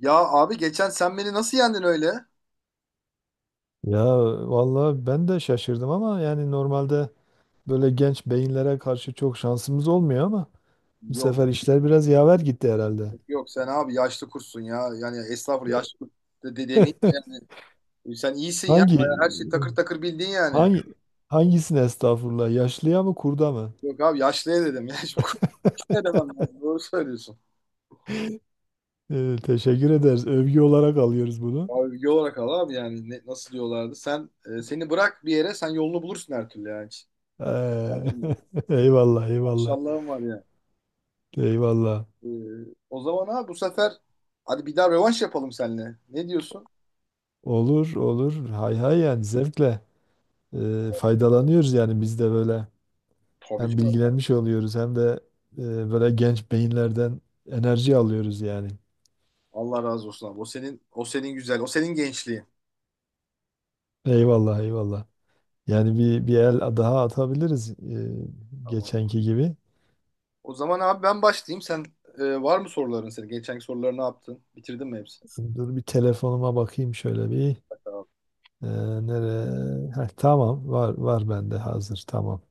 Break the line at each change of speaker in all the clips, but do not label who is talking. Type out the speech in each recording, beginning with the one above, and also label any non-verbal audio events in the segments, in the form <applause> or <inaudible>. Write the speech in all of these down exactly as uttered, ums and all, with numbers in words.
Ya abi geçen sen beni nasıl yendin öyle?
Ya vallahi ben de şaşırdım ama yani normalde böyle genç beyinlere karşı çok şansımız olmuyor ama bu
Yok.
sefer işler biraz yaver gitti herhalde.
Yok sen abi yaşlı kursun ya. Yani estağfurullah
Ya-
yaşlı kurt de, de demeyeyim
<laughs>
yani. E, Sen iyisin ya.
Hangi
Bayağı her şey takır takır bildin yani.
hangi hangisine estağfurullah yaşlıya mı kurda mı?
Yok abi yaşlıya dedim ya. <laughs> Şimdi kurt ne demem lazım. Doğru söylüyorsun.
Ee, teşekkür ederiz. Övgü olarak alıyoruz bunu.
Abi yol olarak al abi yani ne, nasıl diyorlardı. Sen e, seni bırak bir yere sen yolunu bulursun her türlü yani. Her
Ee,
türlü.
<laughs> Eyvallah eyvallah.
Maşallahım var ya.
Eyvallah.
E, O zaman abi bu sefer hadi bir daha rövanş yapalım seninle. Ne diyorsun?
Olur olur. Hay hay yani zevkle ee, faydalanıyoruz yani biz de böyle.
Tabii
Hem
canım.
bilgilenmiş oluyoruz hem de e, böyle genç beyinlerden enerji alıyoruz yani.
Allah razı olsun abi. O senin, o senin güzel. O senin gençliğin.
Eyvallah eyvallah. Yani bir, bir el daha atabiliriz e,
Ama
geçenki gibi.
o zaman abi ben başlayayım. Sen e, var mı soruların senin? Geçenki soruları ne yaptın? Bitirdin mi hepsini?
Dur bir telefonuma bakayım şöyle bir.
Bak abi.
E, Nereye? Heh, tamam var var bende hazır tamam.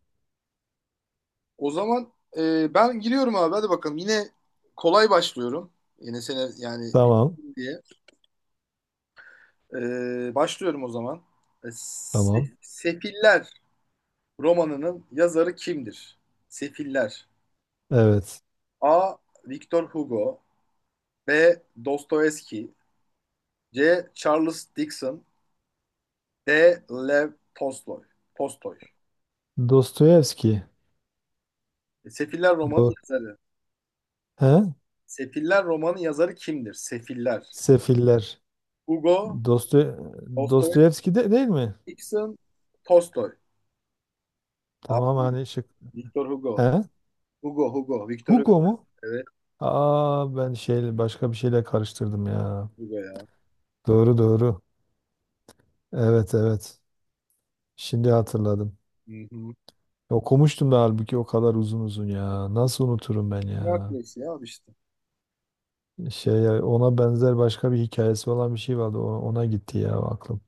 O zaman e, ben giriyorum abi. Hadi bakalım. Yine kolay başlıyorum. Yine sene yani
Tamam
bildim diye. E, başlıyorum o zaman. E,
tamam.
Se- Sefiller romanının yazarı kimdir? Sefiller.
Evet.
A. Victor Hugo. B. Dostoyevski. C. Charles Dickens. D. Lev Tolstoy. Tolstoy.
Dostoyevski.
E, Sefiller romanı
Do
yazarı.
He?
Sefiller romanı yazarı kimdir? Sefiller.
Sefiller.
Hugo,
Dostoy Dostoyevski de değil mi?
Dostoyevskison, Tolstoy.
Tamam
Abi,
hani şık.
Victor Hugo.
He?
Hugo, Hugo, Victor Hugo.
Hugo mu?
Evet,
Aa, ben şey başka bir şeyle karıştırdım ya.
Hugo ya.
Doğru doğru. Evet evet. Şimdi hatırladım.
Hı hı.
Okumuştum da halbuki o kadar uzun uzun ya. Nasıl unuturum ben ya?
Hercules ya abi işte.
Şey, ona benzer başka bir hikayesi olan bir şey vardı. O- Ona gitti ya aklım.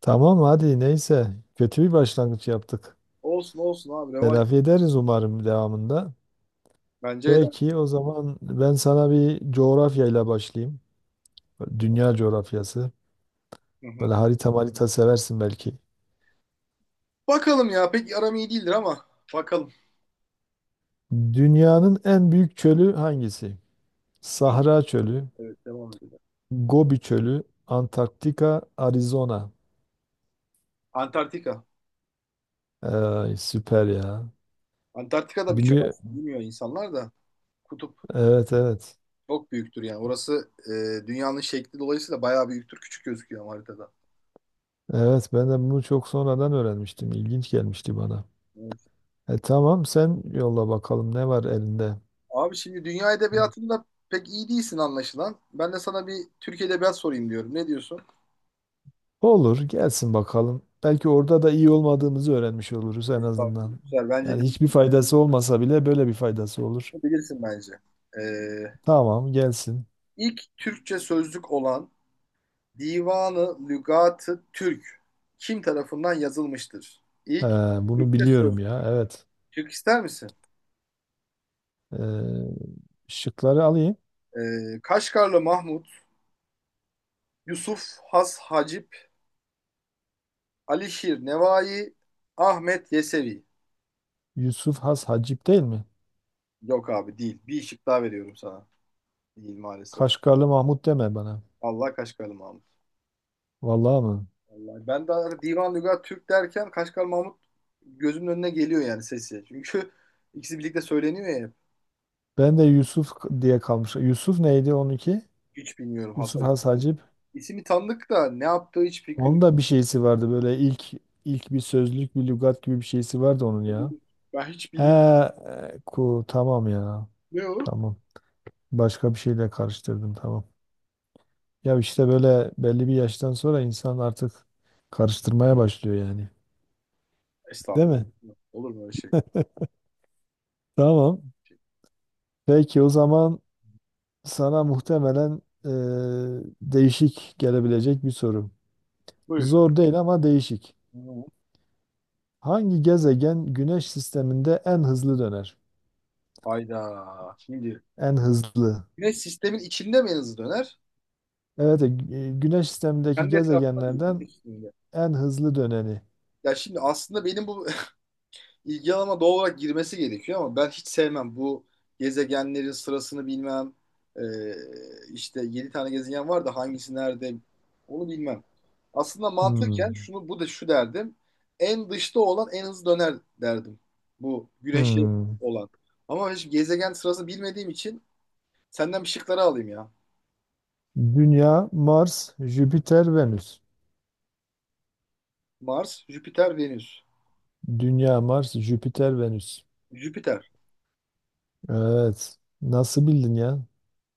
Tamam hadi neyse. Kötü bir başlangıç yaptık.
Olsun olsun abi revanş.
Telafi ederiz umarım devamında.
Bence
Peki
edersin.
o zaman ben sana bir coğrafyayla başlayayım. Dünya coğrafyası.
Hı hı.
Böyle harita marita seversin belki.
Bakalım ya. Pek aram iyi değildir ama. Bakalım.
Dünyanın en büyük çölü hangisi?
Film.
Sahra Çölü,
Evet, devam edelim.
Gobi Çölü, Antarktika, Arizona.
Antarktika.
Ay, süper ya.
Antarktika'da bir çöl
Biliyor.
aslında. Bilmiyor insanlar da. Kutup.
Evet evet.
Çok büyüktür yani. Orası e, dünyanın şekli dolayısıyla bayağı büyüktür. Küçük gözüküyor ama haritada.
Evet, ben de bunu çok sonradan öğrenmiştim. İlginç gelmişti bana.
Evet.
E, tamam, sen yolla bakalım ne var elinde.
Abi şimdi dünya edebiyatında pek iyi değilsin anlaşılan. Ben de sana bir Türk edebiyat sorayım diyorum. Ne diyorsun?
Olur gelsin bakalım. Belki orada da iyi olmadığımızı öğrenmiş oluruz en
Estağfurullah.
azından.
Güzel. Bence
Yani
bil-
hiçbir faydası olmasa bile böyle bir faydası olur.
bilirsin bence. E,
Tamam gelsin.
ilk Türkçe sözlük olan Divanı Lügat-ı Türk kim tarafından yazılmıştır?
Ee,
İlk
Bunu
Türkçe
biliyorum
sözlük.
ya evet.
Türk ister misin?
Ee, Şıkları alayım.
E, Kaşgarlı Mahmut, Yusuf Has Hacip, Alişir Nevai, Ahmet Yesevi.
Yusuf Has Hacip değil mi?
Yok abi değil. Bir şık daha veriyorum sana. Değil maalesef.
Kaşgarlı Mahmut deme bana.
Allah Kaşgarlı Mahmut.
Vallahi mı?
Vallahi ben de Divan Lügat Türk derken Kaşgarlı Mahmut gözümün önüne geliyor yani sesi. Çünkü <laughs> ikisi birlikte söyleniyor ya hep.
Ben de Yusuf k- diye kalmış. Yusuf neydi onunki?
Hiç bilmiyorum
Yusuf
Hasan.
Has
Yani
Hacip.
ismi tanıdık da ne yaptığı hiç fikrim
Onun
yok.
da bir şeysi vardı böyle ilk ilk bir sözlük bir lügat gibi bir şeysi vardı onun ya.
Ben hiç
He,
bilmiyorum.
e, ku tamam ya.
Ne o?
Tamam. Başka bir şeyle karıştırdım tamam. Ya işte böyle belli bir yaştan sonra insan artık karıştırmaya başlıyor yani. Değil mi?
Estağfurullah. Olur mu öyle şey?
Tamam.
Şey.
Peki o zaman sana muhtemelen eee, değişik gelebilecek bir soru.
Buyur.
Zor değil ama değişik.
Hı.
Hangi gezegen Güneş sisteminde en hızlı döner?
Hayda. Şimdi
En hızlı.
güneş sistemin içinde mi en hızlı döner?
Evet, e, Güneş sistemindeki
Kendi etrafında değil.
gezegenlerden
Güneş sisteminde.
en hızlı döneni.
Ya şimdi aslında benim bu <laughs> ilgi alanıma doğal olarak girmesi gerekiyor ama ben hiç sevmem bu gezegenlerin sırasını bilmem. Ee, işte yedi tane gezegen var da hangisi nerede onu bilmem. Aslında mantıken
Hmm.
şunu bu da şu derdim. En dışta olan en hızlı döner derdim. Bu güneşi
Hmm.
olan. Ama hiç gezegen sırasını bilmediğim için senden bir şıkları alayım ya.
Dünya, Mars, Jüpiter, Venüs.
Mars, Jüpiter, Venüs.
Dünya, Mars, Jüpiter, Venüs.
Jüpiter.
Evet. Nasıl bildin ya?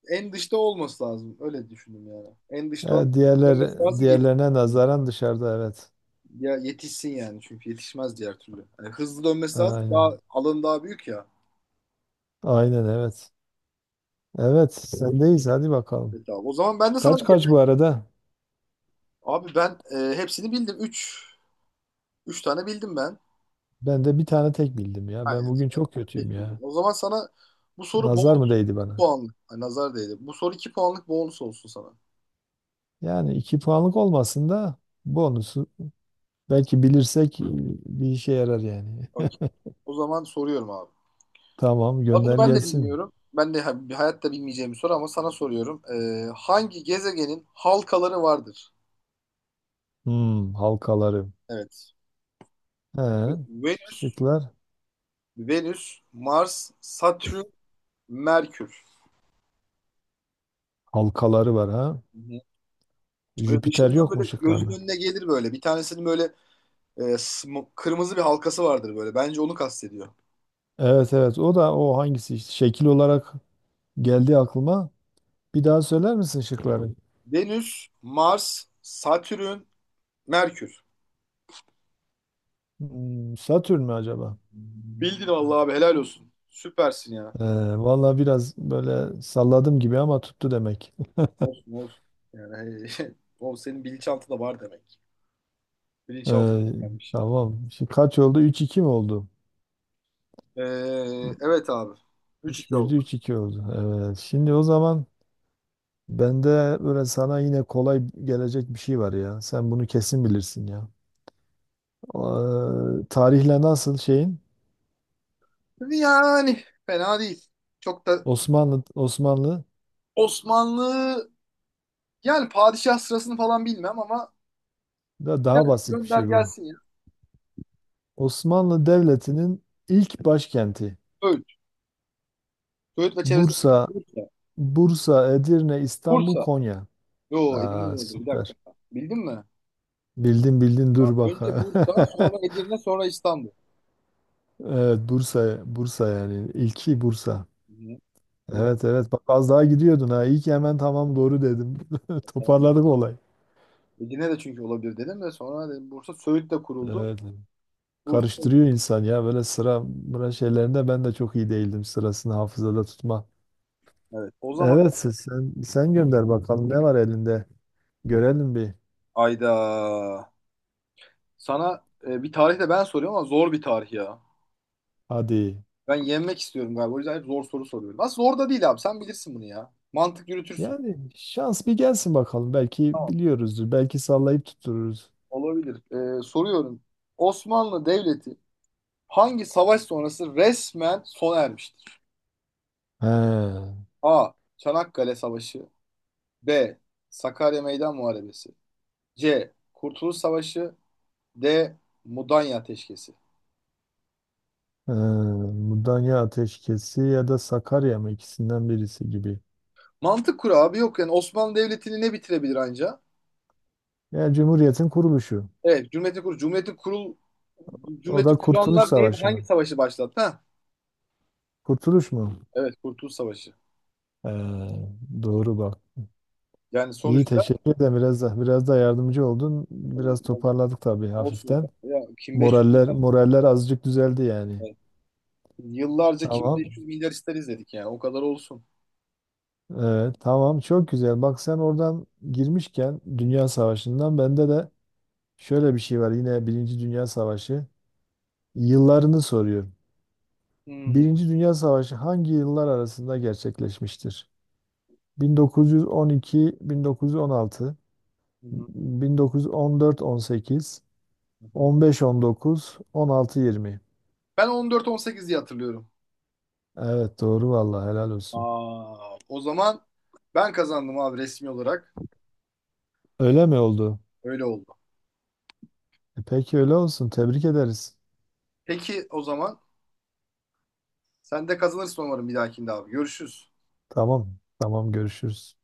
En dışta olması lazım. Öyle düşündüm yani. En dışta olan
E, diğerler
dönmesi lazım.
diğerlerine nazaran dışarıda evet.
Ya yetişsin yani çünkü yetişmez diğer türlü. Yani hızlı dönmesi lazım. Daha
Aynen.
alanı daha büyük ya.
Aynen evet. Evet, sendeyiz. Hadi bakalım.
Evet abi. O zaman ben de sana
Kaç
bir.
kaç bu arada?
Abi ben e, hepsini bildim. Üç üç tane bildim ben.
Ben de bir tane tek bildim ya. Ben
Aynen.
bugün
Ben
çok kötüyüm
tek bildim.
ya.
O zaman sana bu soru
Nazar mı
bonus
değdi bana?
puanlık. Ay, nazar değdi. Bu soru iki puanlık bonus olsun sana.
Yani iki puanlık olmasın da bonusu belki bilirsek e, bir işe yarar yani.
Okey. O zaman soruyorum abi.
<laughs> Tamam,
Abi bunu
gönder
ben de
gelsin.
bilmiyorum. Ben de ha- hayatta bilmeyeceğim bir soru ama sana soruyorum. E, hangi gezegenin halkaları vardır?
Hmm, halkaları.
Evet.
He,
Venüs,
şıklar.
Venüs, Mars, Satürn, Merkür.
Halkaları var ha.
Böyle
Jüpiter
dışından
yok
böyle
mu
gözün
şıklarda?
önüne gelir böyle. Bir tanesinin böyle e, sm- kırmızı bir halkası vardır böyle. Bence onu kastediyor.
Evet evet, o da o hangisi işte? Şekil olarak geldi aklıma. Bir daha söyler misin şıkları?
Venüs, Mars, Satürn, Merkür.
Hmm, Satürn mü acaba?
Bildin vallahi abi, helal olsun. Süpersin ya.
Ee, Valla biraz böyle salladım gibi ama tuttu demek. <laughs>
Olsun olsun. Yani <laughs> o senin bilinçaltı da var demek.
Ee,
Bilinçaltından gelmiş yani.
tamam. Şimdi kaç oldu? Üç iki mi oldu?
Ee, evet abi.
Üç
üç iki oldu.
bir idi, üç iki oldu. Evet. Şimdi o zaman bende böyle sana yine kolay gelecek bir şey var ya. Sen bunu kesin bilirsin ya. Ee, tarihle nasıl şeyin?
Yani fena değil. Çok da
Osmanlı Osmanlı
Osmanlı yani padişah sırasını falan bilmem ama.
da
Gel,
daha basit bir
gönder
şey bu.
gelsin ya.
Osmanlı Devleti'nin ilk başkenti.
Öğüt. Öğüt ve çevresi.
Bursa,
Bursa.
Bursa, Edirne, İstanbul,
Bursa.
Konya.
Yo
Aa,
Edirne oldu. Bir
süper.
dakika. Bildin mi?
Bildin bildin,
Ha,
dur bak.
önce Bursa, sonra
<laughs>
Edirne, sonra İstanbul.
Evet Bursa, Bursa yani ilki Bursa.
Hı hı.
Evet
Bursa.
evet, bak az daha gidiyordun ha. İyi ki hemen tamam doğru dedim. <laughs>
Tamam.
Toparladık olay.
Edirne de çünkü olabilir dedim de sonra dedim Bursa Söğüt de kuruldu.
Evet.
Bursa.
Karıştırıyor insan ya böyle sıra sıra şeylerinde, ben de çok iyi değildim sırasını hafızada tutma.
Evet. O zaman
Evet, sen sen sen gönder bakalım ne var elinde. Görelim bir.
ayda sana e, bir tarih de ben soruyorum ama zor bir tarih ya.
Hadi.
Ben yenmek istiyorum galiba. O yüzden hep zor soru soruyorum. Aslında zor da değil abi. Sen bilirsin bunu ya. Mantık yürütürsün.
Yani şans bir gelsin bakalım. Belki
Tamam.
biliyoruzdur. Belki sallayıp tuttururuz.
Olabilir. E, soruyorum. Osmanlı Devleti hangi savaş sonrası resmen sona ermiştir?
He.
A. Çanakkale Savaşı. B. Sakarya Meydan Muharebesi. C. Kurtuluş Savaşı. D. Mudanya Ateşkesi.
Ee, Mudanya Ateşkesi ya da Sakarya mı, ikisinden birisi gibi.
Mantık kuralı abi, yok yani Osmanlı Devleti'ni ne bitirebilir anca?
Yani Cumhuriyet'in kuruluşu.
Evet, Cumhuriyeti kurul Cumhuriyeti kurul
O da
Cumhuriyeti
Kurtuluş
kuranlar neyi,
Savaşı
hangi
mı?
savaşı başlattı? Ha?
Kurtuluş mu?
Evet, Kurtuluş Savaşı.
Ee, doğru bak.
Yani
İyi,
sonuçta
teşekkür ederim. Biraz da, biraz da yardımcı oldun. Biraz
e,
toparladık tabii
olsun o
hafiften.
kadar. Ya kim 500
Moraller moraller azıcık düzeldi yani.
milyar- Yıllarca kim
Tamam.
beş yüz milyar ister izledik yani, o kadar olsun.
Ee, tamam, çok güzel. Bak sen oradan girmişken Dünya Savaşı'ndan, bende de şöyle bir şey var. Yine Birinci Dünya Savaşı yıllarını soruyor.
Hmm. Hı
Birinci Dünya Savaşı hangi yıllar arasında gerçekleşmiştir? bin dokuz yüz on iki-bin dokuz yüz on altı,
hı.
bin dokuz yüz on dört-on sekiz,
Hı hı.
on beş on dokuz, on altı yirmi.
Ben on dört on sekiz diye hatırlıyorum.
Evet doğru, vallahi helal olsun.
Aa, o zaman ben kazandım abi resmi olarak.
Öyle mi oldu?
Öyle oldu.
E peki öyle olsun. Tebrik ederiz.
Peki o zaman sen de kazanırsın umarım bir dahakinde abi. Görüşürüz.
Tamam, tamam görüşürüz.